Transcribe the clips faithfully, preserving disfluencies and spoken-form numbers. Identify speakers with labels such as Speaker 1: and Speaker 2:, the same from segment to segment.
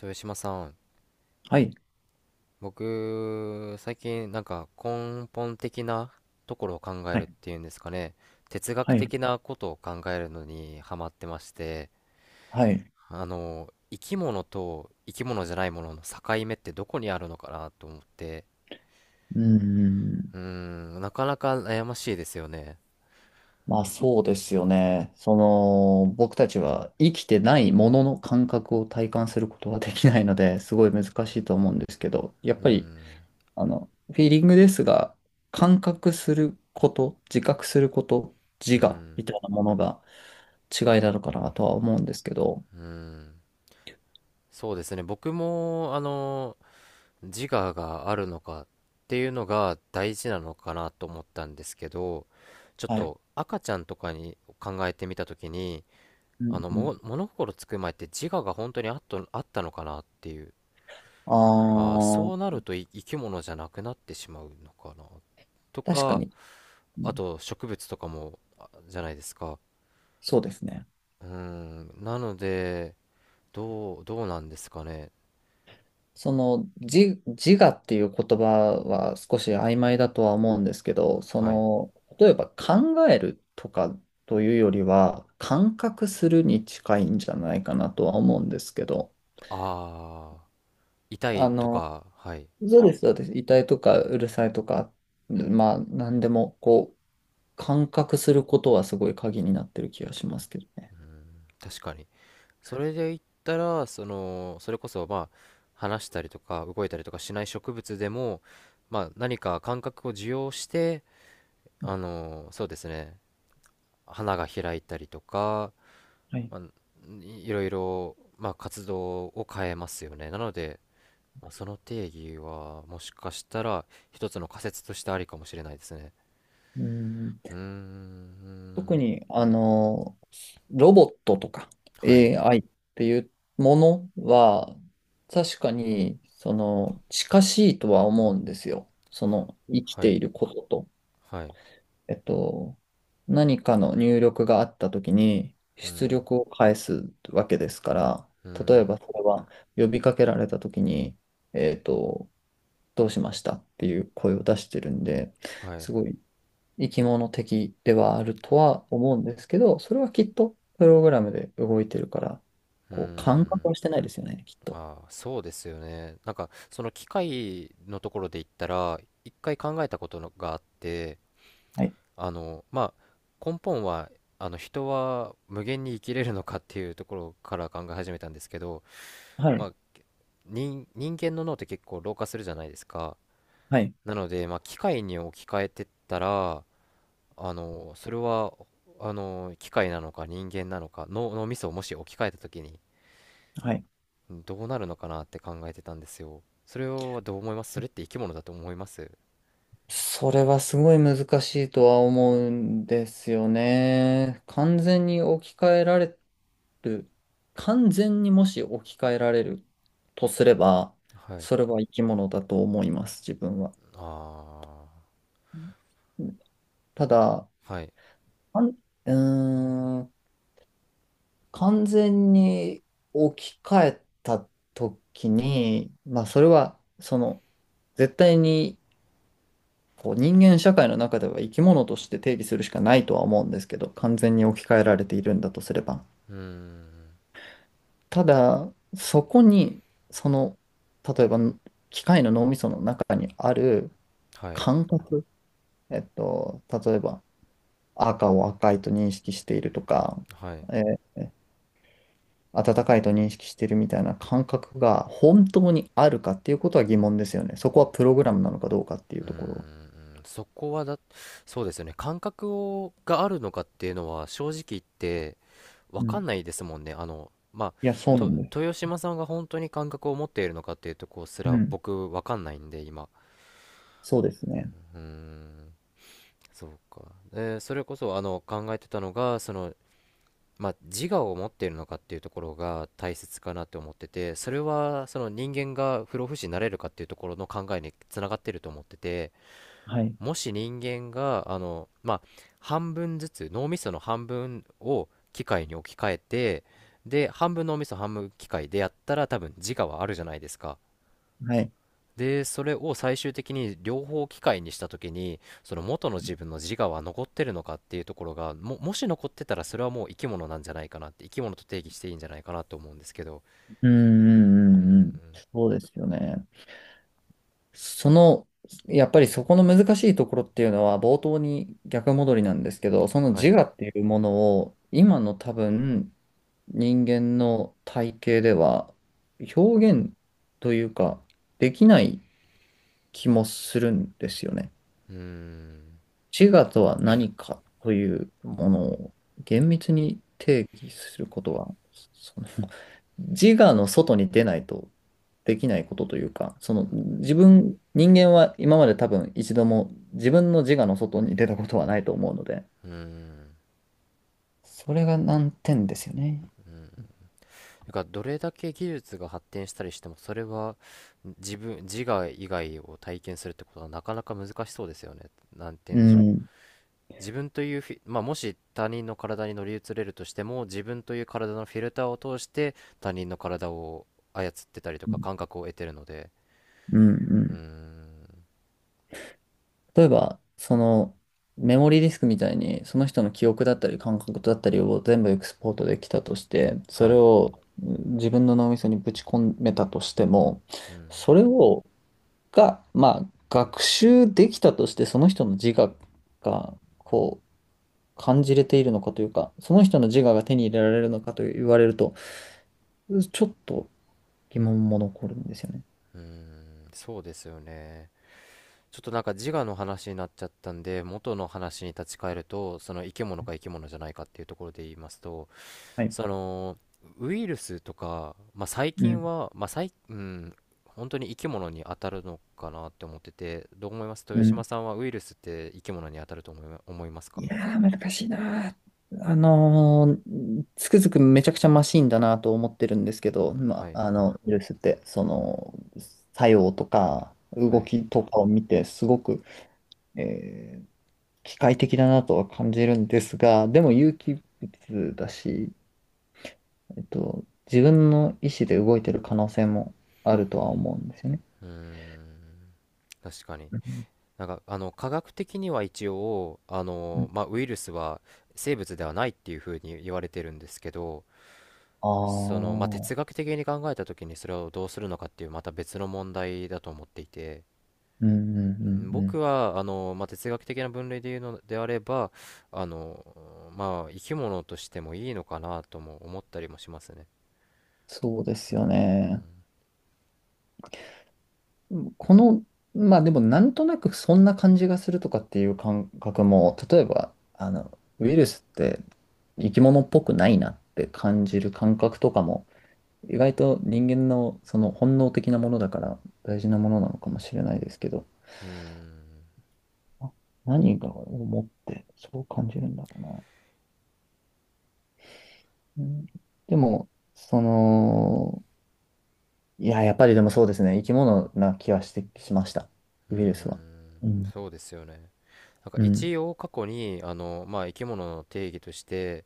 Speaker 1: 豊島さん、
Speaker 2: はい、
Speaker 1: 僕、最近なんか根本的なところを考え
Speaker 2: は
Speaker 1: るっ
Speaker 2: い、
Speaker 1: ていうんですかね、哲学
Speaker 2: はい、
Speaker 1: 的なことを考えるのにハマってまして、
Speaker 2: はい。
Speaker 1: あの、生き物と生き物じゃないものの境目ってどこにあるのかなと思って、
Speaker 2: うん。
Speaker 1: うーん、なかなか悩ましいですよね。
Speaker 2: まあそうですよね。その、僕たちは生きてないものの感覚を体感することはできないので、すごい難しいと思うんですけど、やっ
Speaker 1: うー
Speaker 2: ぱり、
Speaker 1: ん。
Speaker 2: あの、フィーリングですが、感覚すること、自覚すること、
Speaker 1: うー
Speaker 2: 自我
Speaker 1: ん。
Speaker 2: みたいなものが違いなのかなとは思うんですけど、
Speaker 1: うーん。そうですね、僕も、あの、自我があるのかっていうのが大事なのかなと思ったんですけど、ちょっ
Speaker 2: はい。
Speaker 1: と赤ちゃんとかに考えてみた時に、
Speaker 2: う
Speaker 1: あ
Speaker 2: ん
Speaker 1: の
Speaker 2: うん。
Speaker 1: も物心つく前って自我が本当にあっとあったのかなっていう。
Speaker 2: あ
Speaker 1: あーそう
Speaker 2: あ、
Speaker 1: なるとい生き物じゃなくなってしまうのかなと
Speaker 2: 確か
Speaker 1: か。
Speaker 2: に。う
Speaker 1: あ
Speaker 2: ん。
Speaker 1: と植物とかもあじゃないですか。
Speaker 2: そうですね。
Speaker 1: うーんなので、どうどうなんですかね。
Speaker 2: その自、自我っていう言葉は少し曖昧だとは思うんですけど、そ
Speaker 1: はい。
Speaker 2: の、例えば考えるとかというよりは、感覚するに近いんじゃないかなとは思うんですけど、
Speaker 1: ああ、痛い
Speaker 2: あ
Speaker 1: と
Speaker 2: の、
Speaker 1: か。はい。
Speaker 2: そうです、そうです。痛いとかうるさいとか、まあ、なんでも、こう、感覚することはすごい鍵になってる気がしますけどね。
Speaker 1: 確かに。それで言ったら、その、それこそ、まあ、話したりとか、動いたりとかしない植物でも、まあ、何か感覚を受容して、あの、そうですね、花が開いたりとか、
Speaker 2: はい。
Speaker 1: まあ、いいろいろ、まあ、活動を変えますよね。なので、まあ、その定義は、もしかしたら、一つの仮説としてありかもしれないですね。
Speaker 2: うん。
Speaker 1: うーん。
Speaker 2: 特に、あの、ロボットとか
Speaker 1: はい。
Speaker 2: エーアイ っていうものは、確かに、その、近しいとは思うんですよ。その、生き
Speaker 1: は
Speaker 2: て
Speaker 1: い。
Speaker 2: いることと、
Speaker 1: はい。
Speaker 2: えっと、何かの入力があったときに、
Speaker 1: う
Speaker 2: 出
Speaker 1: ん。
Speaker 2: 力を返すわけですから、
Speaker 1: う
Speaker 2: 例え
Speaker 1: ん。
Speaker 2: ばそれは呼びかけられたときに、えっと、どうしましたっていう声を出してるんで、
Speaker 1: はい。う
Speaker 2: すごい生き物的ではあるとは思うんですけど、それはきっとプログラムで動いてるから、
Speaker 1: ー
Speaker 2: こう、感覚
Speaker 1: ん。
Speaker 2: はしてないですよね、きっと。
Speaker 1: ああ、そうですよね。なんか、その機械のところで言ったら、一回考えたことのがあって、
Speaker 2: はい。
Speaker 1: あの、まあ、根本は、あの、人は無限に生きれるのかっていうところから考え始めたんですけど、
Speaker 2: はい。
Speaker 1: まあ、人、人間の脳って結構老化するじゃないですか。
Speaker 2: はい。
Speaker 1: なので、まあ、機械に置き換えてったら、あの、それは、あの、機械なのか人間なのか、脳、脳みそをもし置き換えた時に、
Speaker 2: はい。
Speaker 1: どうなるのかなって考えてたんですよ。それはどう思います？それって生き物だと思います？
Speaker 2: それはすごい難しいとは思うんですよね。完全に置き換えられる。完全にもし置き換えられるとすれば、
Speaker 1: はい。
Speaker 2: それは生き物だと思います、自分は。
Speaker 1: あ
Speaker 2: うん。ただ、
Speaker 1: あ、はい。
Speaker 2: あんうーん完全に置き換えた時に、まあそれはその絶対にこう人間社会の中では生き物として定義するしかないとは思うんですけど、完全に置き換えられているんだとすれば。
Speaker 1: うーん。
Speaker 2: ただ、そこにその、例えば機械の脳みその中にある
Speaker 1: はい。
Speaker 2: 感覚、えっと、例えば赤を赤いと認識しているとか、
Speaker 1: はい。
Speaker 2: え温かいと認識してるみたいな感覚が本当にあるかっていうことは疑問ですよね。そこはプログラムなのかどうかっていう
Speaker 1: うー
Speaker 2: ところは。
Speaker 1: ん。そこはだ、そうですよね。感覚を、があるのかっていうのは正直言ってわ
Speaker 2: う
Speaker 1: か
Speaker 2: ん。
Speaker 1: んないですもんね。あの、まあ、
Speaker 2: いや、そうな
Speaker 1: と、
Speaker 2: んです。
Speaker 1: 豊島さんが本当に感覚を持っているのかっていうとこす
Speaker 2: う
Speaker 1: ら
Speaker 2: ん。
Speaker 1: 僕わかんないんで、今。
Speaker 2: そうですね。
Speaker 1: うーん。そうか。で、それこそあの考えてたのが、そのまあ、自我を持っているのかっていうところが大切かなって思ってて、それはその人間が不老不死になれるかっていうところの考えにつながってると思ってて、
Speaker 2: はい。
Speaker 1: もし人間があの、まあ、半分ずつ脳みその半分を機械に置き換えて、で半分脳みそ半分機械でやったら多分自我はあるじゃないですか。
Speaker 2: はい。
Speaker 1: で、それを最終的に両方機械にした時に、その元の自分の自我は残ってるのかっていうところが、も、もし残ってたらそれはもう生き物なんじゃないかなって、生き物と定義していいんじゃないかなと思うんですけど。
Speaker 2: うんうんう
Speaker 1: うん。
Speaker 2: んうん。そうですよね。その、やっぱりそこの難しいところっていうのは冒頭に逆戻りなんですけど、その
Speaker 1: は
Speaker 2: 自
Speaker 1: い。
Speaker 2: 我っていうものを今の多分人間の体系では表現というかできない気もするんですよね。
Speaker 1: うーん。
Speaker 2: 自我とは何かというものを厳密に定義することは、その自我の外に出ないとできないことというか、その自分、人間は今まで多分一度も自分の自我の外に出たことはないと思うので、
Speaker 1: うーん。
Speaker 2: それが難点ですよね。
Speaker 1: だからどれだけ技術が発展したりしても、それは自分、自我以外を体験するってことはなかなか難しそうですよね。なんて言う
Speaker 2: う
Speaker 1: んでしょう。
Speaker 2: ん。
Speaker 1: 自分というフィ、まあ、もし他人の体に乗り移れるとしても自分という体のフィルターを通して他人の体を操ってたりとか感覚を得てるので。
Speaker 2: うんう
Speaker 1: うー
Speaker 2: ん。
Speaker 1: ん。
Speaker 2: 例えば、そのメモリーディスクみたいに、その人の記憶だったり感覚だったりを全部エクスポートできたとして、そ
Speaker 1: は
Speaker 2: れ
Speaker 1: い。
Speaker 2: を、うん、自分の脳みそにぶち込めたとしても、
Speaker 1: うん。
Speaker 2: それを、が、まあ、学習できたとして、その人の自我が、こう、感じれているのかというか、その人の自我が手に入れられるのかと言われると、ちょっと疑問も残るんですよね。
Speaker 1: うーん。そうですよね。ちょっとなんか自我の話になっちゃったんで、元の話に立ち返ると、その生き物か生き物じゃないかっていうところで言いますと、
Speaker 2: はい。
Speaker 1: そのウイルスとか、まあ、最
Speaker 2: う
Speaker 1: 近
Speaker 2: ん、
Speaker 1: は、まあ最、うん、本当に生き物に当たるのかなって思ってて、どう思います？
Speaker 2: う
Speaker 1: 豊島
Speaker 2: ん。
Speaker 1: さんはウイルスって生き物に当たると思いま、思いますか？
Speaker 2: いやー、難しいなー。あのーつくづくめちゃくちゃマシンだなと思ってるんですけど、
Speaker 1: は
Speaker 2: ま
Speaker 1: い。
Speaker 2: あ、あの、ウイルスって、その、作用とか、
Speaker 1: は
Speaker 2: 動
Speaker 1: い。
Speaker 2: きとかを見て、すごく、えー機械的だなとは感じるんですが、でも有機物だし、えっと、自分の意思で動いてる可能性もあるとは思うんですよね。
Speaker 1: うーん、確かに。
Speaker 2: うん
Speaker 1: なんか、あの、科学的には一応、あ
Speaker 2: う
Speaker 1: の、
Speaker 2: ん。
Speaker 1: まあ、ウイルスは生物ではないっていうふうに言われてるんですけど、その、
Speaker 2: ああ
Speaker 1: まあ、
Speaker 2: ー。
Speaker 1: 哲学的に考えた時にそれをどうするのかっていうまた別の問題だと思っていて、
Speaker 2: うんうん
Speaker 1: うん、
Speaker 2: うんう
Speaker 1: 僕
Speaker 2: ん。
Speaker 1: はあの、まあ、哲学的な分類で言うのであれば、あの、まあ、生き物としてもいいのかなとも思ったりもしますね。
Speaker 2: そうですよね。うん。この、まあでもなんとなくそんな感じがするとかっていう感覚も、例えば、あの、ウイルスって生き物っぽくないなって感じる感覚とかも、意外と人間のその本能的なものだから大事なものなのかもしれないですけど、
Speaker 1: うーん。
Speaker 2: あ何が思ってそう感じるんだろうな。うん、でも、その、いや、やっぱりでもそうですね、生き物な気はしてしました、
Speaker 1: うー
Speaker 2: ウイルスは。
Speaker 1: ん。
Speaker 2: うん。
Speaker 1: そうですよね。なんか
Speaker 2: うん。
Speaker 1: 一応過去にあの、まあ、生き物の定義として、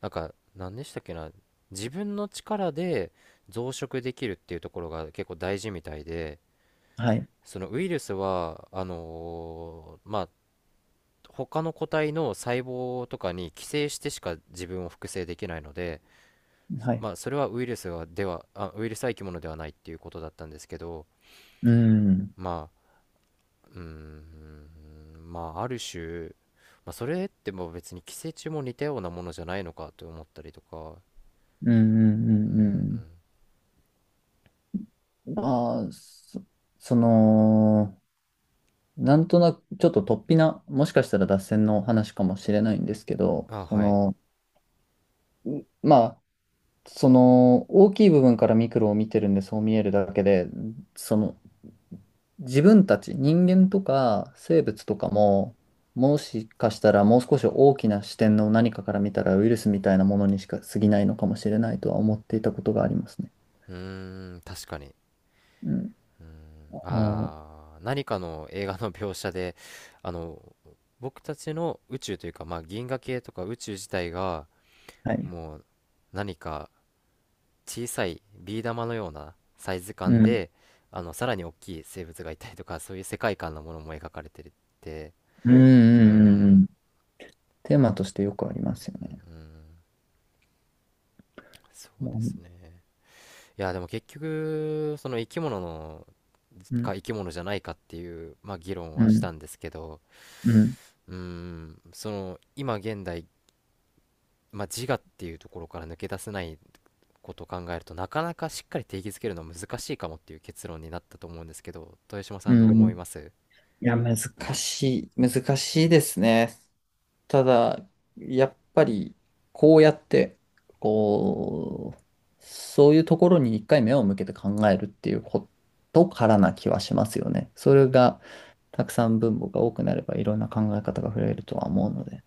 Speaker 1: なんか何でしたっけな、自分の力で増殖できるっていうところが結構大事みたいで、
Speaker 2: はい。
Speaker 1: そのウイルスはあのまあ、他の個体の細胞とかに寄生してしか自分を複製できないので、
Speaker 2: はい。
Speaker 1: まあ、それはウイルスはでは、あ、ウイルスは生き物ではないっていうことだったんですけど、
Speaker 2: うん、
Speaker 1: まあ、うーん、まあ、ある種、まあ、それってもう別に寄生虫も似たようなものじゃないのかと思ったりとか。
Speaker 2: うん、う
Speaker 1: う
Speaker 2: ん、う
Speaker 1: ん。
Speaker 2: んうん。まあ、そ、その、なんとなく、ちょっと突飛な、もしかしたら脱線の話かもしれないんですけど、
Speaker 1: あ、
Speaker 2: そ
Speaker 1: はい。
Speaker 2: の、うまあ、その、大きい部分からミクロを見てるんで、そう見えるだけで、その、自分たち、人間とか生物とかも、もしかしたらもう少し大きな視点の何かから見たらウイルスみたいなものにしか過ぎないのかもしれないとは思っていたことがありますね。
Speaker 1: うーん、確かに。
Speaker 2: うん。まあの
Speaker 1: あー、何かの映画の描写で、あの、僕たちの宇宙というか、まあ、銀河系とか宇宙自体が、
Speaker 2: はい。
Speaker 1: もう何か小さいビー玉のようなサイズ
Speaker 2: う
Speaker 1: 感
Speaker 2: ん。
Speaker 1: で、あのさらに大きい生物がいたりとか そういう世界観のものも描かれてるって。
Speaker 2: うんう
Speaker 1: うー
Speaker 2: んうんう
Speaker 1: ん。
Speaker 2: ん。テーマとしてよくありますよね。
Speaker 1: そうです
Speaker 2: も
Speaker 1: ね。いや、でも結局その生き物の
Speaker 2: う
Speaker 1: か
Speaker 2: ん。
Speaker 1: 生き物じゃないかっていう、まあ、議論
Speaker 2: う
Speaker 1: はし
Speaker 2: ん。
Speaker 1: たんですけど、
Speaker 2: うん。うん。
Speaker 1: うーんその今現代、まあ、自我っていうところから抜け出せないことを考えると、なかなかしっかり定義づけるのは難しいかもっていう結論になったと思うんですけど、豊島さ
Speaker 2: う
Speaker 1: ん、ど
Speaker 2: ん
Speaker 1: う
Speaker 2: う
Speaker 1: 思い
Speaker 2: ん。
Speaker 1: ます？
Speaker 2: いや、難しい。難しいですね。ただ、やっぱり、こうやって、こう、そういうところに一回目を向けて考えるっていうことからな気はしますよね。それが、たくさん分母が多くなれば、いろんな考え方が増えるとは思うので。